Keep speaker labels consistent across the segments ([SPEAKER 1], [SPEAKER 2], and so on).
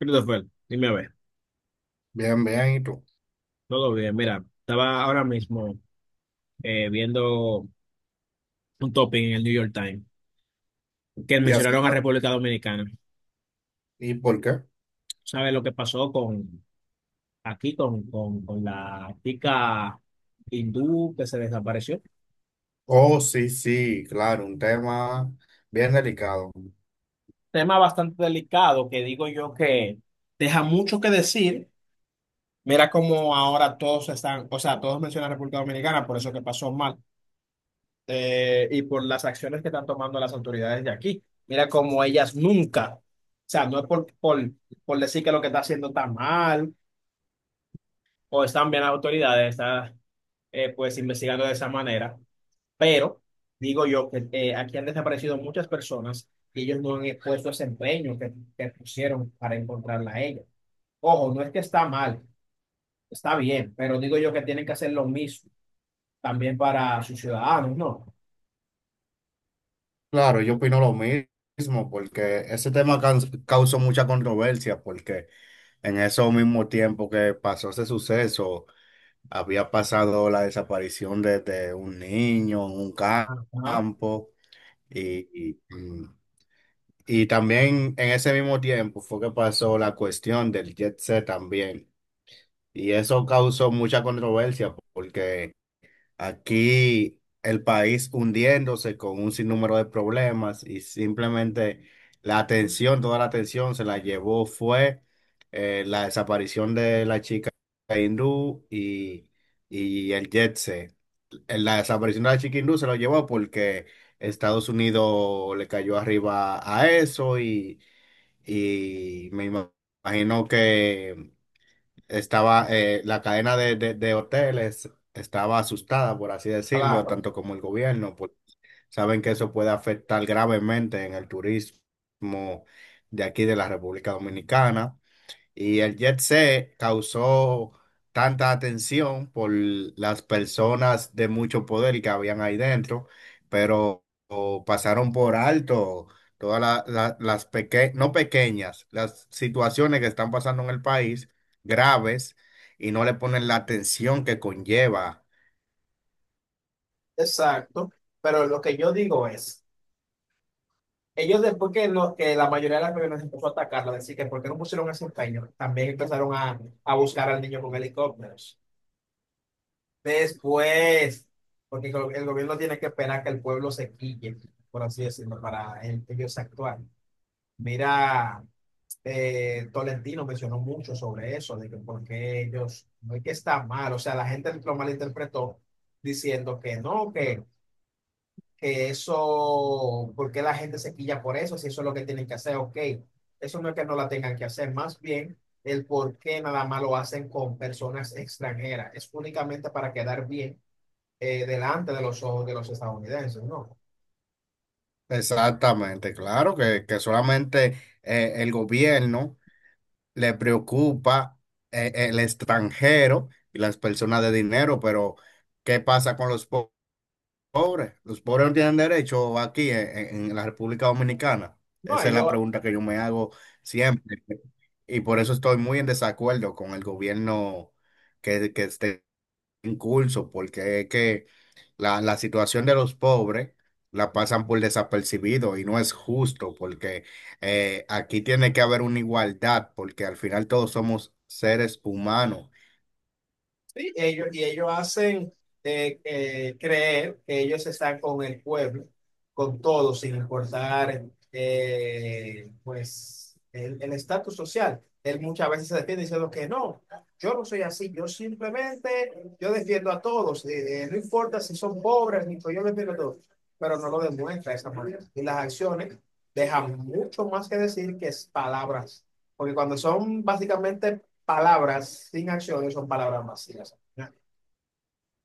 [SPEAKER 1] Christopher, dime a ver,
[SPEAKER 2] Bien, bien, ¿y tú?
[SPEAKER 1] todo bien. Mira, estaba ahora mismo viendo un topic en el New York Times que
[SPEAKER 2] ¿Y, hace-
[SPEAKER 1] mencionaron a República Dominicana.
[SPEAKER 2] ¿Y por qué?
[SPEAKER 1] ¿Sabes lo que pasó con aquí con la chica hindú que se desapareció?
[SPEAKER 2] Oh, sí, sí, claro, un tema bien delicado.
[SPEAKER 1] Tema bastante delicado que digo yo que deja mucho que decir. Mira cómo ahora todos están, o sea, todos mencionan a República Dominicana, por eso que pasó mal. Y por las acciones que están tomando las autoridades de aquí. Mira cómo ellas nunca, o sea, no es por decir que lo que está haciendo está mal o están bien las autoridades, están pues investigando de esa manera, pero digo yo que aquí han desaparecido muchas personas y ellos no han puesto ese empeño que pusieron para encontrarla a ella. Ojo, no es que está mal, está bien, pero digo yo que tienen que hacer lo mismo también para sus ciudadanos, ¿no?
[SPEAKER 2] Claro, yo opino lo mismo, porque ese tema causó mucha controversia, porque en ese mismo tiempo que pasó ese suceso, había pasado la desaparición de un niño en un
[SPEAKER 1] Ajá,
[SPEAKER 2] campo, y, y, mm, y también en ese mismo tiempo fue que pasó la cuestión del Jet Set también. Y eso causó mucha controversia porque aquí el país hundiéndose con un sinnúmero de problemas y simplemente la atención, toda la atención se la llevó fue la desaparición de la chica hindú y el jet set. La desaparición de la chica hindú se lo llevó porque Estados Unidos le cayó arriba a eso y me imagino que estaba la cadena de, de hoteles estaba asustada, por así decirlo,
[SPEAKER 1] claro.
[SPEAKER 2] tanto como el gobierno, pues saben que eso puede afectar gravemente en el turismo de aquí de la República Dominicana. Y el jet set causó tanta atención por las personas de mucho poder que habían ahí dentro, pero o, pasaron por alto todas las pequeñas, no pequeñas, las situaciones que están pasando en el país, graves, y no le ponen la atención que conlleva.
[SPEAKER 1] Exacto, pero lo que yo digo es, ellos después que, lo, que la mayoría de las personas empezó a atacarla, decir que por qué no pusieron ese empeño, también empezaron a buscar al niño con helicópteros. Después, porque el gobierno tiene que esperar que el pueblo se quille, por así decirlo, para ellos actuar. Mira, Tolentino mencionó mucho sobre eso, de que por qué ellos, no es que está mal, o sea, la gente lo malinterpretó diciendo que no, que eso, ¿porque la gente se quilla por eso? Si eso es lo que tienen que hacer, ok. Eso no es que no la tengan que hacer, más bien el por qué nada más lo hacen con personas extranjeras. Es únicamente para quedar bien delante de los ojos de los estadounidenses, ¿no?
[SPEAKER 2] Exactamente, claro que solamente el gobierno le preocupa el extranjero y las personas de dinero, pero ¿qué pasa con los pobres? ¿Los pobres no tienen derecho aquí en, en la República Dominicana?
[SPEAKER 1] No,
[SPEAKER 2] Esa es la
[SPEAKER 1] ellos,
[SPEAKER 2] pregunta que yo me hago siempre. Y por eso estoy muy en desacuerdo con el gobierno que esté en curso, porque es que la situación de los pobres la pasan por desapercibido y no es justo porque aquí tiene que haber una igualdad porque al final todos somos seres humanos,
[SPEAKER 1] sí, ellos, y ellos hacen creer que ellos están con el pueblo, con todo, sin importar pues el estatus social. Él muchas veces se defiende diciendo que no, yo no soy así, yo simplemente, yo defiendo a todos, no importa si son pobres, ni yo defiendo a todos, pero no lo demuestra de esa manera. Y las acciones dejan mucho más que decir que es palabras, porque cuando son básicamente palabras sin acciones son palabras vacías.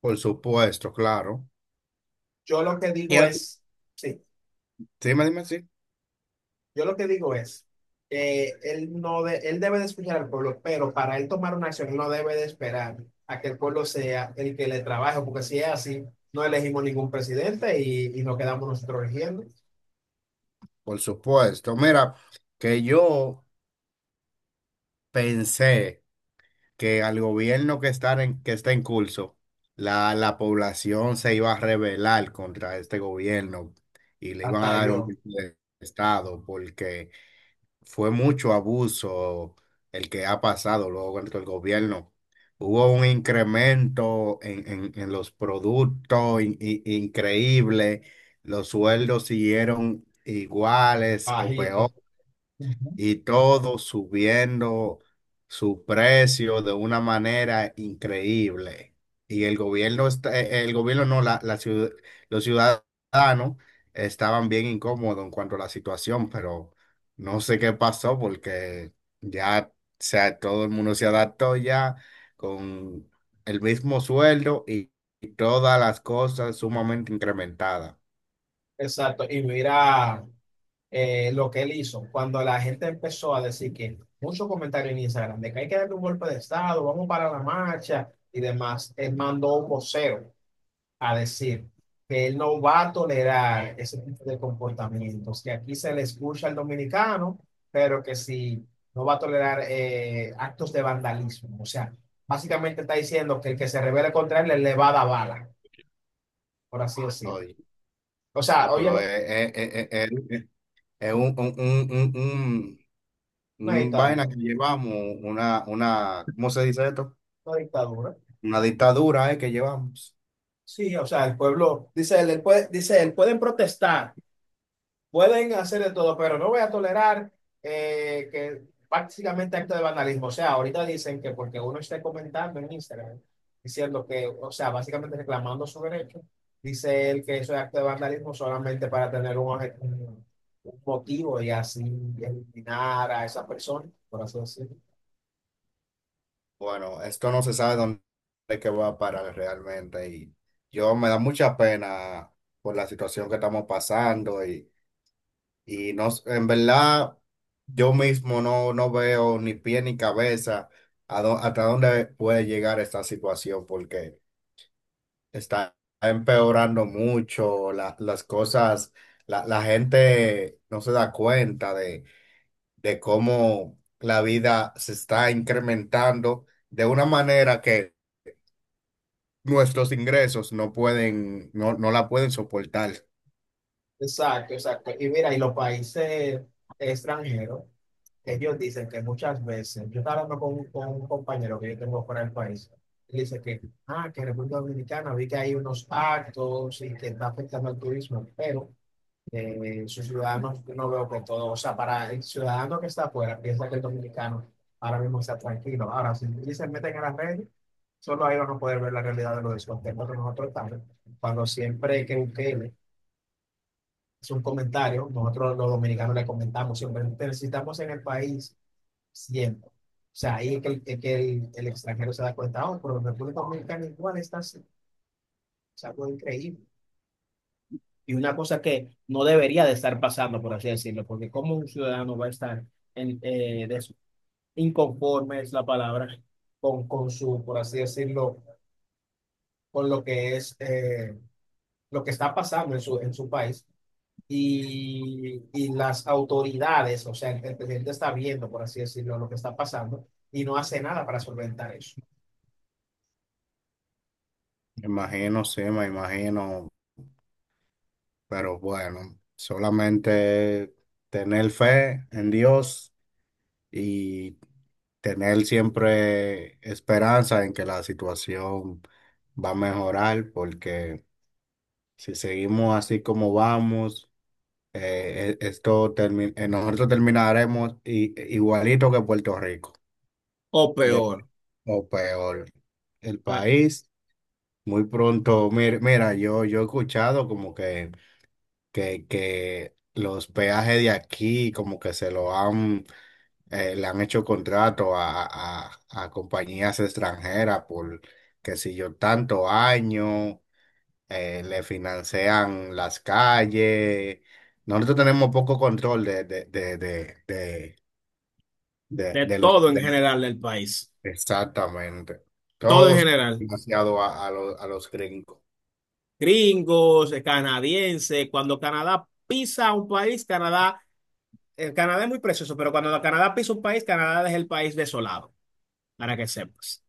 [SPEAKER 2] por supuesto, claro.
[SPEAKER 1] Yo lo que
[SPEAKER 2] Y
[SPEAKER 1] digo
[SPEAKER 2] al-
[SPEAKER 1] es, sí,
[SPEAKER 2] Dime, dime, sí,
[SPEAKER 1] yo lo que digo es, él, no de- él debe de escuchar al pueblo, pero para él tomar una acción, no debe de esperar a que el pueblo sea el que le trabaje, porque si es así, no elegimos ningún presidente y nos quedamos nosotros eligiendo.
[SPEAKER 2] por supuesto. Mira, que yo pensé que al gobierno que está en curso, la población se iba a rebelar contra este gobierno y le iban a
[SPEAKER 1] Hasta
[SPEAKER 2] dar un
[SPEAKER 1] yo,
[SPEAKER 2] golpe de estado porque... fue mucho abuso el que ha pasado luego dentro del gobierno. Hubo un incremento en, en los productos increíble, los sueldos siguieron iguales o
[SPEAKER 1] bajito.
[SPEAKER 2] peor
[SPEAKER 1] Ujú.
[SPEAKER 2] y todo subiendo su precio de una manera increíble. Y el gobierno está, el gobierno no, la los ciudadanos estaban bien incómodos en cuanto a la situación, pero no sé qué pasó porque ya, o sea, todo el mundo se adaptó ya con el mismo sueldo y todas las cosas sumamente incrementadas
[SPEAKER 1] Exacto, y mira lo que él hizo. Cuando la gente empezó a decir que muchos comentarios en Instagram de que hay que darle un golpe de Estado, vamos para la marcha y demás, él mandó un vocero a decir que él no va a tolerar ese tipo de comportamientos, que aquí se le escucha al dominicano, pero que si no va a tolerar actos de vandalismo. O sea, básicamente está diciendo que el que se revele contra él le va a dar bala, por así decirlo.
[SPEAKER 2] hoy.
[SPEAKER 1] O sea,
[SPEAKER 2] Ah,
[SPEAKER 1] oye,
[SPEAKER 2] pero
[SPEAKER 1] lo-
[SPEAKER 2] es
[SPEAKER 1] una
[SPEAKER 2] un vaina
[SPEAKER 1] dictadura.
[SPEAKER 2] que llevamos, una, ¿cómo se dice esto?
[SPEAKER 1] Una dictadura.
[SPEAKER 2] Una dictadura, que llevamos.
[SPEAKER 1] Sí, o sea, el pueblo, dice él, él puede- dice él, pueden protestar, pueden hacer de todo, pero no voy a tolerar que prácticamente acto de vandalismo. O sea, ahorita dicen que porque uno esté comentando en Instagram, diciendo que, o sea, básicamente reclamando su derecho, dice él que eso es acto de vandalismo solamente para tener un, un motivo y así eliminar a esa persona, por así decirlo.
[SPEAKER 2] Bueno, esto no se sabe dónde es que va a parar realmente y yo me da mucha pena por la situación que estamos pasando y no, en verdad yo mismo no, no veo ni pie ni cabeza a hasta dónde puede llegar esta situación porque está empeorando mucho las cosas, la gente no se da cuenta de cómo la vida se está incrementando de una manera que nuestros ingresos no pueden, no, no la pueden soportar.
[SPEAKER 1] Exacto, exacto. Y mira, y los países extranjeros, ellos dicen que muchas veces, yo estaba hablando con un compañero que yo tengo fuera del país, y dice que, ah, que en República Dominicana vi que hay unos actos y que está afectando al turismo, pero sus ciudadanos, yo no veo que todo, o sea, para el ciudadano que está afuera, piensa que el dominicano ahora mismo está tranquilo. Ahora, si se meten en las redes, solo ahí van a poder ver la realidad de los descontentos que nosotros estamos, cuando siempre que busquen es un comentario. Nosotros los dominicanos le comentamos siempre, necesitamos en el país siempre. O sea, ahí es que el extranjero se da cuenta, oh, pero en República Dominicana igual está así. Es algo increíble. Y una cosa que no debería de estar pasando, por así decirlo, porque como un ciudadano va a estar en, inconforme, es la palabra, con su, por así decirlo, con lo que es, lo que está pasando en su país. Y, y las autoridades, o sea, el presidente está viendo, por así decirlo, lo que está pasando y no hace nada para solventar eso.
[SPEAKER 2] Me imagino, sí, me imagino, pero bueno, solamente tener fe en Dios y tener siempre esperanza en que la situación va a mejorar, porque si seguimos así como vamos, nosotros terminaremos igualito que Puerto Rico,
[SPEAKER 1] O
[SPEAKER 2] De-
[SPEAKER 1] peor,
[SPEAKER 2] o peor, el país. Muy pronto, mira, mira, yo he escuchado como que los peajes de aquí como que se lo han, le han hecho contrato a, a compañías extranjeras por, que si yo, tanto año. Le financian las calles. Nosotros tenemos poco control
[SPEAKER 1] de
[SPEAKER 2] de los...
[SPEAKER 1] todo en
[SPEAKER 2] de-
[SPEAKER 1] general del país,
[SPEAKER 2] exactamente.
[SPEAKER 1] todo en
[SPEAKER 2] Todos
[SPEAKER 1] general,
[SPEAKER 2] financiados a, a los gringos.
[SPEAKER 1] gringos, canadienses, cuando Canadá pisa un país, Canadá, el Canadá es muy precioso, pero cuando Canadá pisa un país, Canadá es el país desolado, para que sepas.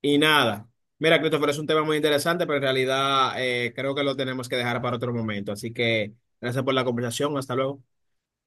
[SPEAKER 1] Y nada, mira, Christopher, es un tema muy interesante, pero en realidad creo que lo tenemos que dejar para otro momento. Así que gracias por la conversación. Hasta luego.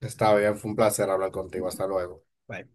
[SPEAKER 2] Está bien, fue un placer hablar contigo. Hasta luego.
[SPEAKER 1] Bye.